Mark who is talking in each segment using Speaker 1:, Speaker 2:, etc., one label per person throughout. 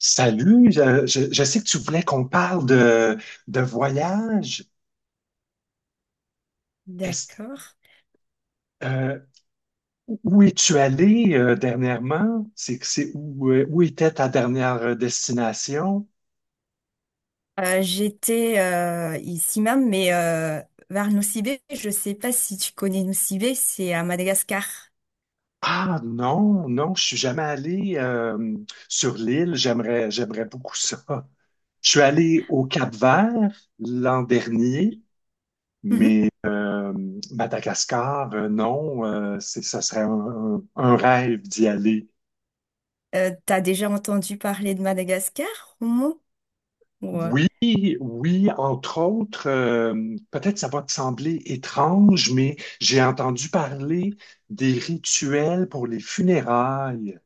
Speaker 1: Salut, je sais que tu voulais qu'on parle de voyage. Est-ce,
Speaker 2: D'accord.
Speaker 1: euh, Où es-tu allé dernièrement? C'est où, où était ta dernière destination?
Speaker 2: J'étais ici même, vers Nocibé. Je sais pas si tu connais Nocibé, c'est à Madagascar.
Speaker 1: Ah non, non, je suis jamais allé sur l'île. J'aimerais beaucoup ça. Je suis allé au Cap-Vert l'an dernier,
Speaker 2: Oui. Mhm.
Speaker 1: mais Madagascar, non, ça serait un rêve d'y aller.
Speaker 2: T'as déjà entendu parler de Madagascar, au moins? Ouais.
Speaker 1: Oui, oui, entre autres, peut-être ça va te sembler étrange, mais j'ai entendu parler des rituels pour les funérailles.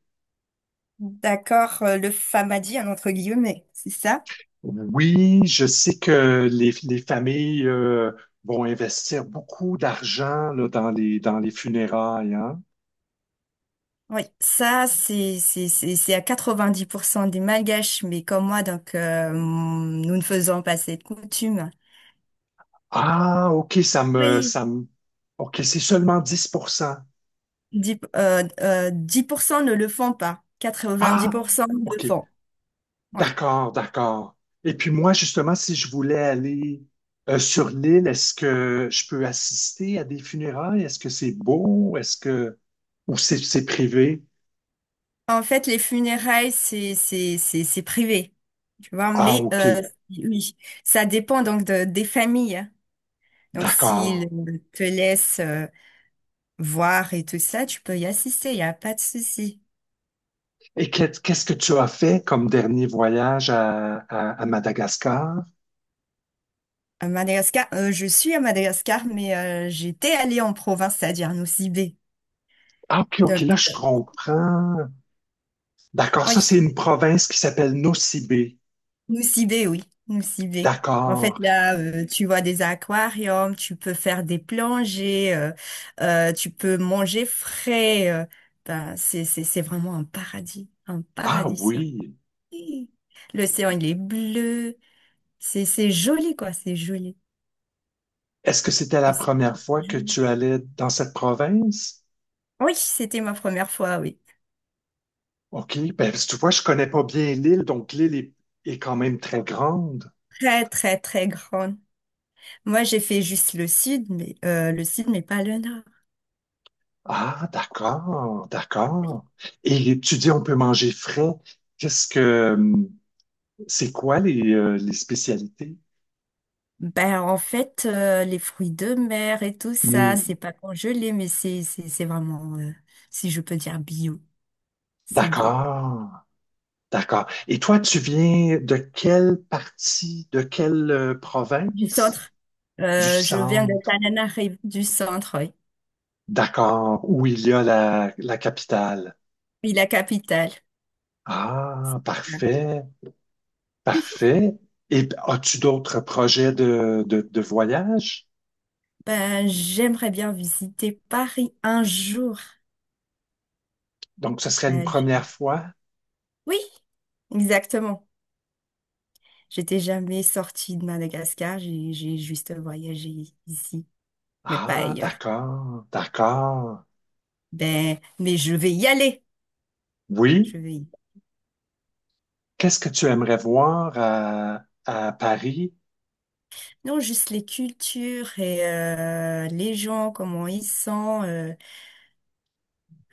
Speaker 2: D'accord, le Famadian, entre guillemets, c'est ça?
Speaker 1: Oui, je sais que les familles, vont investir beaucoup d'argent, là, dans les funérailles, hein.
Speaker 2: Oui, ça, c'est à 90% des Malgaches, mais comme moi, donc nous ne faisons pas cette coutume.
Speaker 1: Ah, OK,
Speaker 2: Oui.
Speaker 1: OK, c'est seulement 10%.
Speaker 2: 10 10% ne le font pas.
Speaker 1: Ah,
Speaker 2: 90% le
Speaker 1: OK.
Speaker 2: font. Oui.
Speaker 1: D'accord, d'accord. Et puis moi, justement, si je voulais aller sur l'île, est-ce que je peux assister à des funérailles? Est-ce que c'est beau? Ou c'est privé?
Speaker 2: En fait, les funérailles, c'est privé, tu vois.
Speaker 1: Ah, OK,
Speaker 2: Oui, ça dépend donc des familles, hein. Donc,
Speaker 1: d'accord.
Speaker 2: s'ils te laissent voir et tout ça, tu peux y assister, il n'y a pas de souci.
Speaker 1: Et qu'est-ce que tu as fait comme dernier voyage à Madagascar?
Speaker 2: À Madagascar, je suis à Madagascar, mais j'étais allée en province, c'est-à-dire à Nosy Be.
Speaker 1: Ah, OK, OK,
Speaker 2: Donc,
Speaker 1: là, je comprends. D'accord, ça, c'est
Speaker 2: oui.
Speaker 1: une province qui s'appelle Nocibé.
Speaker 2: Moussibé, oui, Moussibé. En fait,
Speaker 1: D'accord.
Speaker 2: là, tu vois des aquariums, tu peux faire des plongées, tu peux manger frais. C'est vraiment un
Speaker 1: Ah
Speaker 2: paradis sur Terre.
Speaker 1: oui.
Speaker 2: L'océan, il est bleu. C'est joli, quoi, c'est joli.
Speaker 1: Est-ce que c'était la première
Speaker 2: Que
Speaker 1: fois
Speaker 2: c'est
Speaker 1: que
Speaker 2: joli.
Speaker 1: tu allais dans cette province?
Speaker 2: Oui, c'était ma première fois, oui.
Speaker 1: OK. Ben, tu vois, je connais pas bien l'île, donc est quand même très grande.
Speaker 2: Très, très, très grande. Moi, j'ai fait juste le sud, mais le sud, mais pas le nord.
Speaker 1: Ah, d'accord, d'accord. Et tu dis on peut manger frais. Qu'est-ce que C'est quoi les spécialités?
Speaker 2: Les fruits de mer et tout ça,
Speaker 1: Hmm,
Speaker 2: c'est pas congelé, mais c'est vraiment, si je peux dire, bio. C'est beau.
Speaker 1: d'accord, d'accord. Et toi, tu viens de quelle partie, de quelle
Speaker 2: Du
Speaker 1: province?
Speaker 2: centre.
Speaker 1: Du
Speaker 2: Je viens de
Speaker 1: centre,
Speaker 2: Tananarive, du centre, oui.
Speaker 1: d'accord, où il y a la, la capitale.
Speaker 2: Oui, la capitale.
Speaker 1: Ah, parfait. Parfait. Et as-tu d'autres projets de voyage?
Speaker 2: Ben, j'aimerais bien visiter Paris un jour.
Speaker 1: Donc, ce serait une
Speaker 2: Euh,
Speaker 1: première
Speaker 2: j-
Speaker 1: fois?
Speaker 2: oui, exactement. J'étais jamais sortie de Madagascar, j'ai juste voyagé ici, mais pas
Speaker 1: Ah,
Speaker 2: ailleurs.
Speaker 1: d'accord, d'accord.
Speaker 2: Ben, mais je vais y aller.
Speaker 1: Oui.
Speaker 2: Je vais y
Speaker 1: Qu'est-ce que tu aimerais voir à Paris?
Speaker 2: non, juste les cultures et les gens, comment ils sont,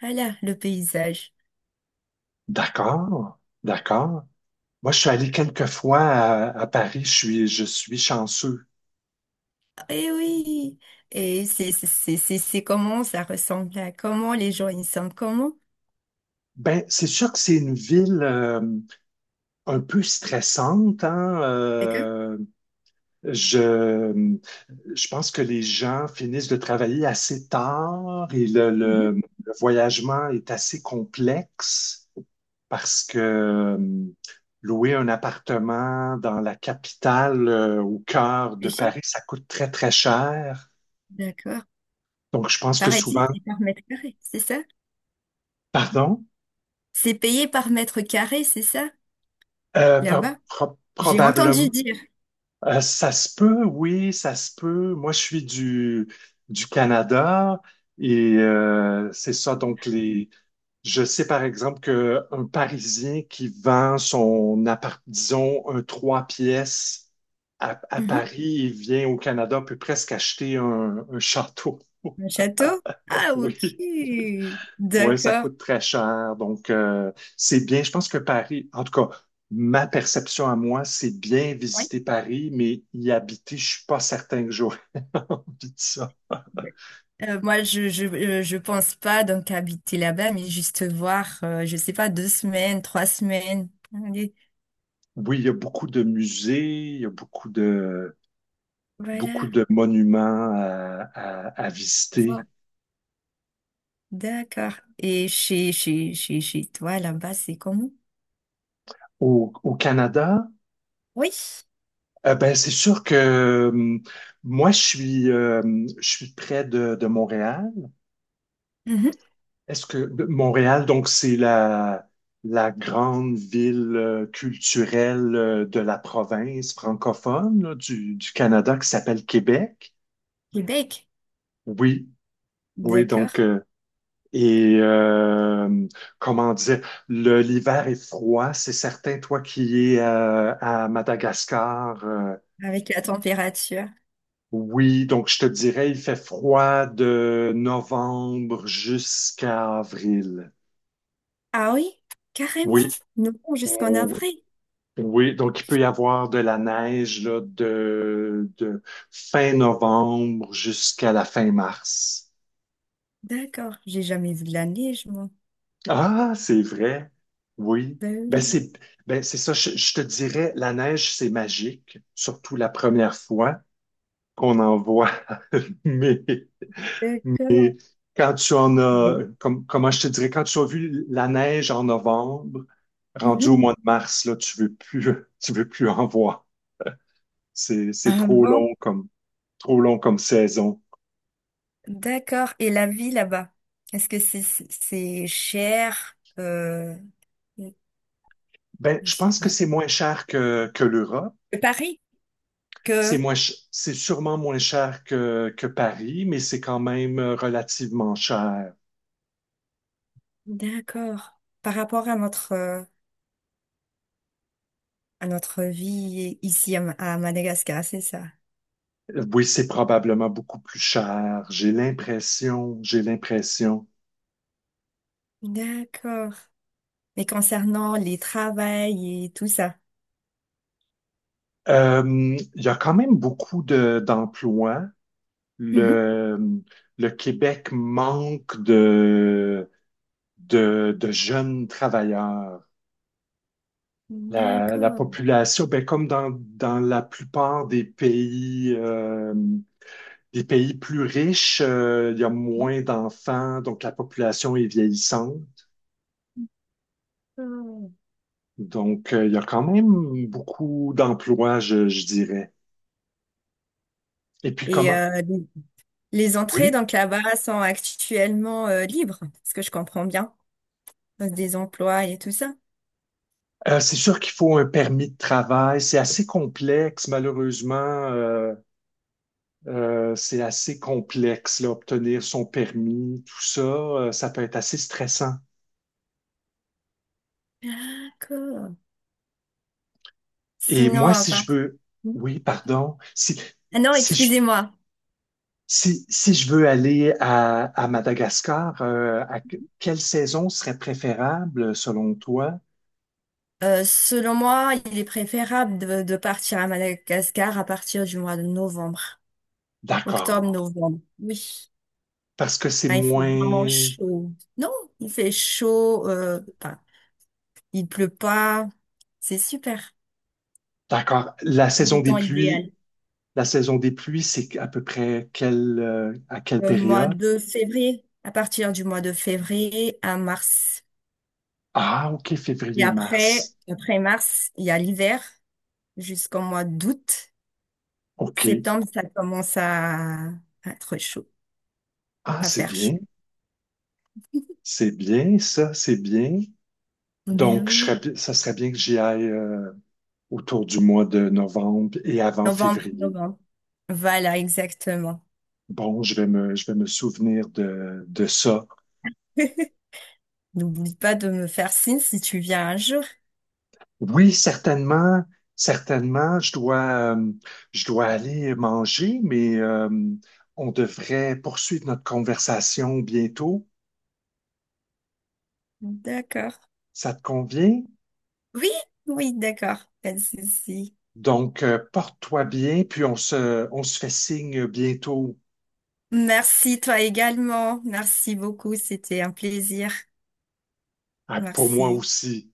Speaker 2: voilà, le paysage.
Speaker 1: D'accord, d'accord. Moi, je suis allé quelques fois à Paris. Je suis chanceux.
Speaker 2: Et oui, et c'est comment ça ressemble à comment les gens ils sont, comment.
Speaker 1: Ben, c'est sûr que c'est une ville un peu stressante, hein?
Speaker 2: D'accord?
Speaker 1: Je, je pense que les gens finissent de travailler assez tard et le,
Speaker 2: Mhm.
Speaker 1: le- le voyagement est assez complexe parce que louer un appartement dans la capitale, au cœur de
Speaker 2: Les chefs,
Speaker 1: Paris, ça coûte très, très cher.
Speaker 2: d'accord.
Speaker 1: Donc, je pense que
Speaker 2: Pareil,
Speaker 1: souvent,
Speaker 2: c'est par mètre carré, c'est ça?
Speaker 1: pardon,
Speaker 2: C'est payé par mètre carré, c'est ça? Là-bas? J'ai entendu
Speaker 1: probablement,
Speaker 2: dire.
Speaker 1: ça se peut, oui, ça se peut. Moi, je suis du Canada et c'est ça, donc les Je sais par exemple qu'un Parisien qui vend son appart, disons, un trois pièces à
Speaker 2: Mhm.
Speaker 1: Paris et vient au Canada peut presque acheter un château.
Speaker 2: Un château? Ah, ok.
Speaker 1: Oui, oui, ça
Speaker 2: D'accord.
Speaker 1: coûte très cher. Donc, c'est bien. Je pense que Paris, en tout cas, ma perception à moi, c'est bien visiter Paris, mais y habiter, je suis pas certain que j'aurais envie de ça.
Speaker 2: Oui. Moi, je pense pas donc habiter là-bas, mais juste voir, je sais pas, deux semaines, trois semaines. Allez,
Speaker 1: Oui, il y a beaucoup de musées, il y a beaucoup
Speaker 2: voilà,
Speaker 1: de monuments à
Speaker 2: voilà.
Speaker 1: visiter.
Speaker 2: D'accord. Et chez toi, là-bas, c'est comment?
Speaker 1: Au Canada,
Speaker 2: Oui,
Speaker 1: ben, c'est sûr que moi, je suis près de Montréal.
Speaker 2: mhm.
Speaker 1: Montréal, donc, c'est la grande ville culturelle de la province francophone là, du Canada qui s'appelle Québec?
Speaker 2: Québec.
Speaker 1: Oui, oui,
Speaker 2: D'accord.
Speaker 1: donc, et euh, comment dire, l'hiver est froid, c'est certain, toi qui es à Madagascar.
Speaker 2: Avec la température.
Speaker 1: Oui, donc je te dirais, il fait froid de novembre jusqu'à avril.
Speaker 2: Ah oui, carrément.
Speaker 1: Oui,
Speaker 2: Nous bon, jusqu'en
Speaker 1: oui,
Speaker 2: avril.
Speaker 1: oui, donc il peut y avoir de la neige là, de fin novembre jusqu'à la fin mars.
Speaker 2: D'accord. J'ai jamais vu de la neige, moi.
Speaker 1: Ah, c'est vrai. Oui.
Speaker 2: Ben
Speaker 1: Ben
Speaker 2: oui,
Speaker 1: c'est ben c'est ça, je te dirais, la neige, c'est magique, surtout la première fois qu'on en voit. Mais
Speaker 2: d'accord.
Speaker 1: quand tu en as,
Speaker 2: Mais,
Speaker 1: comme, comment je te dirais, quand tu as vu la neige en novembre, rendu
Speaker 2: mhm.
Speaker 1: au mois de mars, là, tu veux plus, tu veux plus en voir. C'est
Speaker 2: Ah
Speaker 1: trop
Speaker 2: bon?
Speaker 1: long trop long comme saison.
Speaker 2: D'accord. Et la vie là-bas, est-ce que c'est cher
Speaker 1: Ben,
Speaker 2: je
Speaker 1: je
Speaker 2: sais
Speaker 1: pense que
Speaker 2: pas.
Speaker 1: c'est moins cher que l'Europe.
Speaker 2: Paris? Que
Speaker 1: C'est sûrement moins cher que Paris, mais c'est quand même relativement cher.
Speaker 2: d'accord par rapport à notre vie ici à, à Madagascar, c'est ça.
Speaker 1: Oui, c'est probablement beaucoup plus cher. J'ai l'impression, j'ai l'impression.
Speaker 2: D'accord. Mais concernant les travails et tout ça.
Speaker 1: Il y a quand même beaucoup d'emplois.
Speaker 2: Mhm.
Speaker 1: Le, le Québec manque de jeunes travailleurs. La
Speaker 2: D'accord.
Speaker 1: population, ben, comme dans la plupart des pays plus riches, il y a moins d'enfants, donc la population est vieillissante.
Speaker 2: D'accord.
Speaker 1: Donc, il y a quand même beaucoup d'emplois, je dirais. Et puis
Speaker 2: Et
Speaker 1: comment?
Speaker 2: les entrées
Speaker 1: Oui.
Speaker 2: donc là-bas sont actuellement libres, ce que je comprends bien, des emplois et tout ça.
Speaker 1: C'est sûr qu'il faut un permis de travail. C'est assez complexe, malheureusement. Euh, c'est assez complexe, là, obtenir son permis, tout ça. Euh, ça peut être assez stressant.
Speaker 2: D'accord.
Speaker 1: Et
Speaker 2: Sinon,
Speaker 1: moi, si
Speaker 2: enfin...
Speaker 1: je veux, oui, pardon,
Speaker 2: Ah non,
Speaker 1: si je,
Speaker 2: excusez-moi.
Speaker 1: si je veux aller à Madagascar, à quelle saison serait préférable selon toi?
Speaker 2: Selon moi, il est préférable de partir à Madagascar à partir du mois de novembre. Octobre,
Speaker 1: D'accord.
Speaker 2: novembre. Oui.
Speaker 1: Parce que c'est
Speaker 2: Ah, il fait vraiment
Speaker 1: moins...
Speaker 2: chaud. Non, il fait chaud. Enfin, il pleut pas. C'est super.
Speaker 1: D'accord. La
Speaker 2: C'est le
Speaker 1: saison des
Speaker 2: temps
Speaker 1: pluies,
Speaker 2: idéal.
Speaker 1: c'est à peu près quelle, à quelle
Speaker 2: Le mois
Speaker 1: période?
Speaker 2: de février. À partir du mois de février à mars.
Speaker 1: Ah, OK,
Speaker 2: Et après,
Speaker 1: février-mars.
Speaker 2: après mars, il y a l'hiver jusqu'au mois d'août.
Speaker 1: OK.
Speaker 2: Septembre, ça commence à être chaud,
Speaker 1: Ah,
Speaker 2: à
Speaker 1: c'est
Speaker 2: faire
Speaker 1: bien.
Speaker 2: chaud.
Speaker 1: C'est bien, ça, c'est bien.
Speaker 2: Ben
Speaker 1: Donc,
Speaker 2: oui.
Speaker 1: ça serait bien que j'y aille. Euh, autour du mois de novembre et avant
Speaker 2: Novembre,
Speaker 1: février.
Speaker 2: novembre. Voilà, exactement.
Speaker 1: Bon, je vais me souvenir de ça.
Speaker 2: N'oublie pas de me faire signe si tu viens un jour.
Speaker 1: Oui, certainement, certainement, je dois aller manger, mais on devrait poursuivre notre conversation bientôt.
Speaker 2: D'accord.
Speaker 1: Ça te convient?
Speaker 2: Oui, oui, d'accord. Pas de souci.
Speaker 1: Donc, porte-toi bien, puis on se fait signe bientôt,
Speaker 2: Merci, toi également. Merci beaucoup. C'était un plaisir.
Speaker 1: Ah, pour moi
Speaker 2: Merci.
Speaker 1: aussi.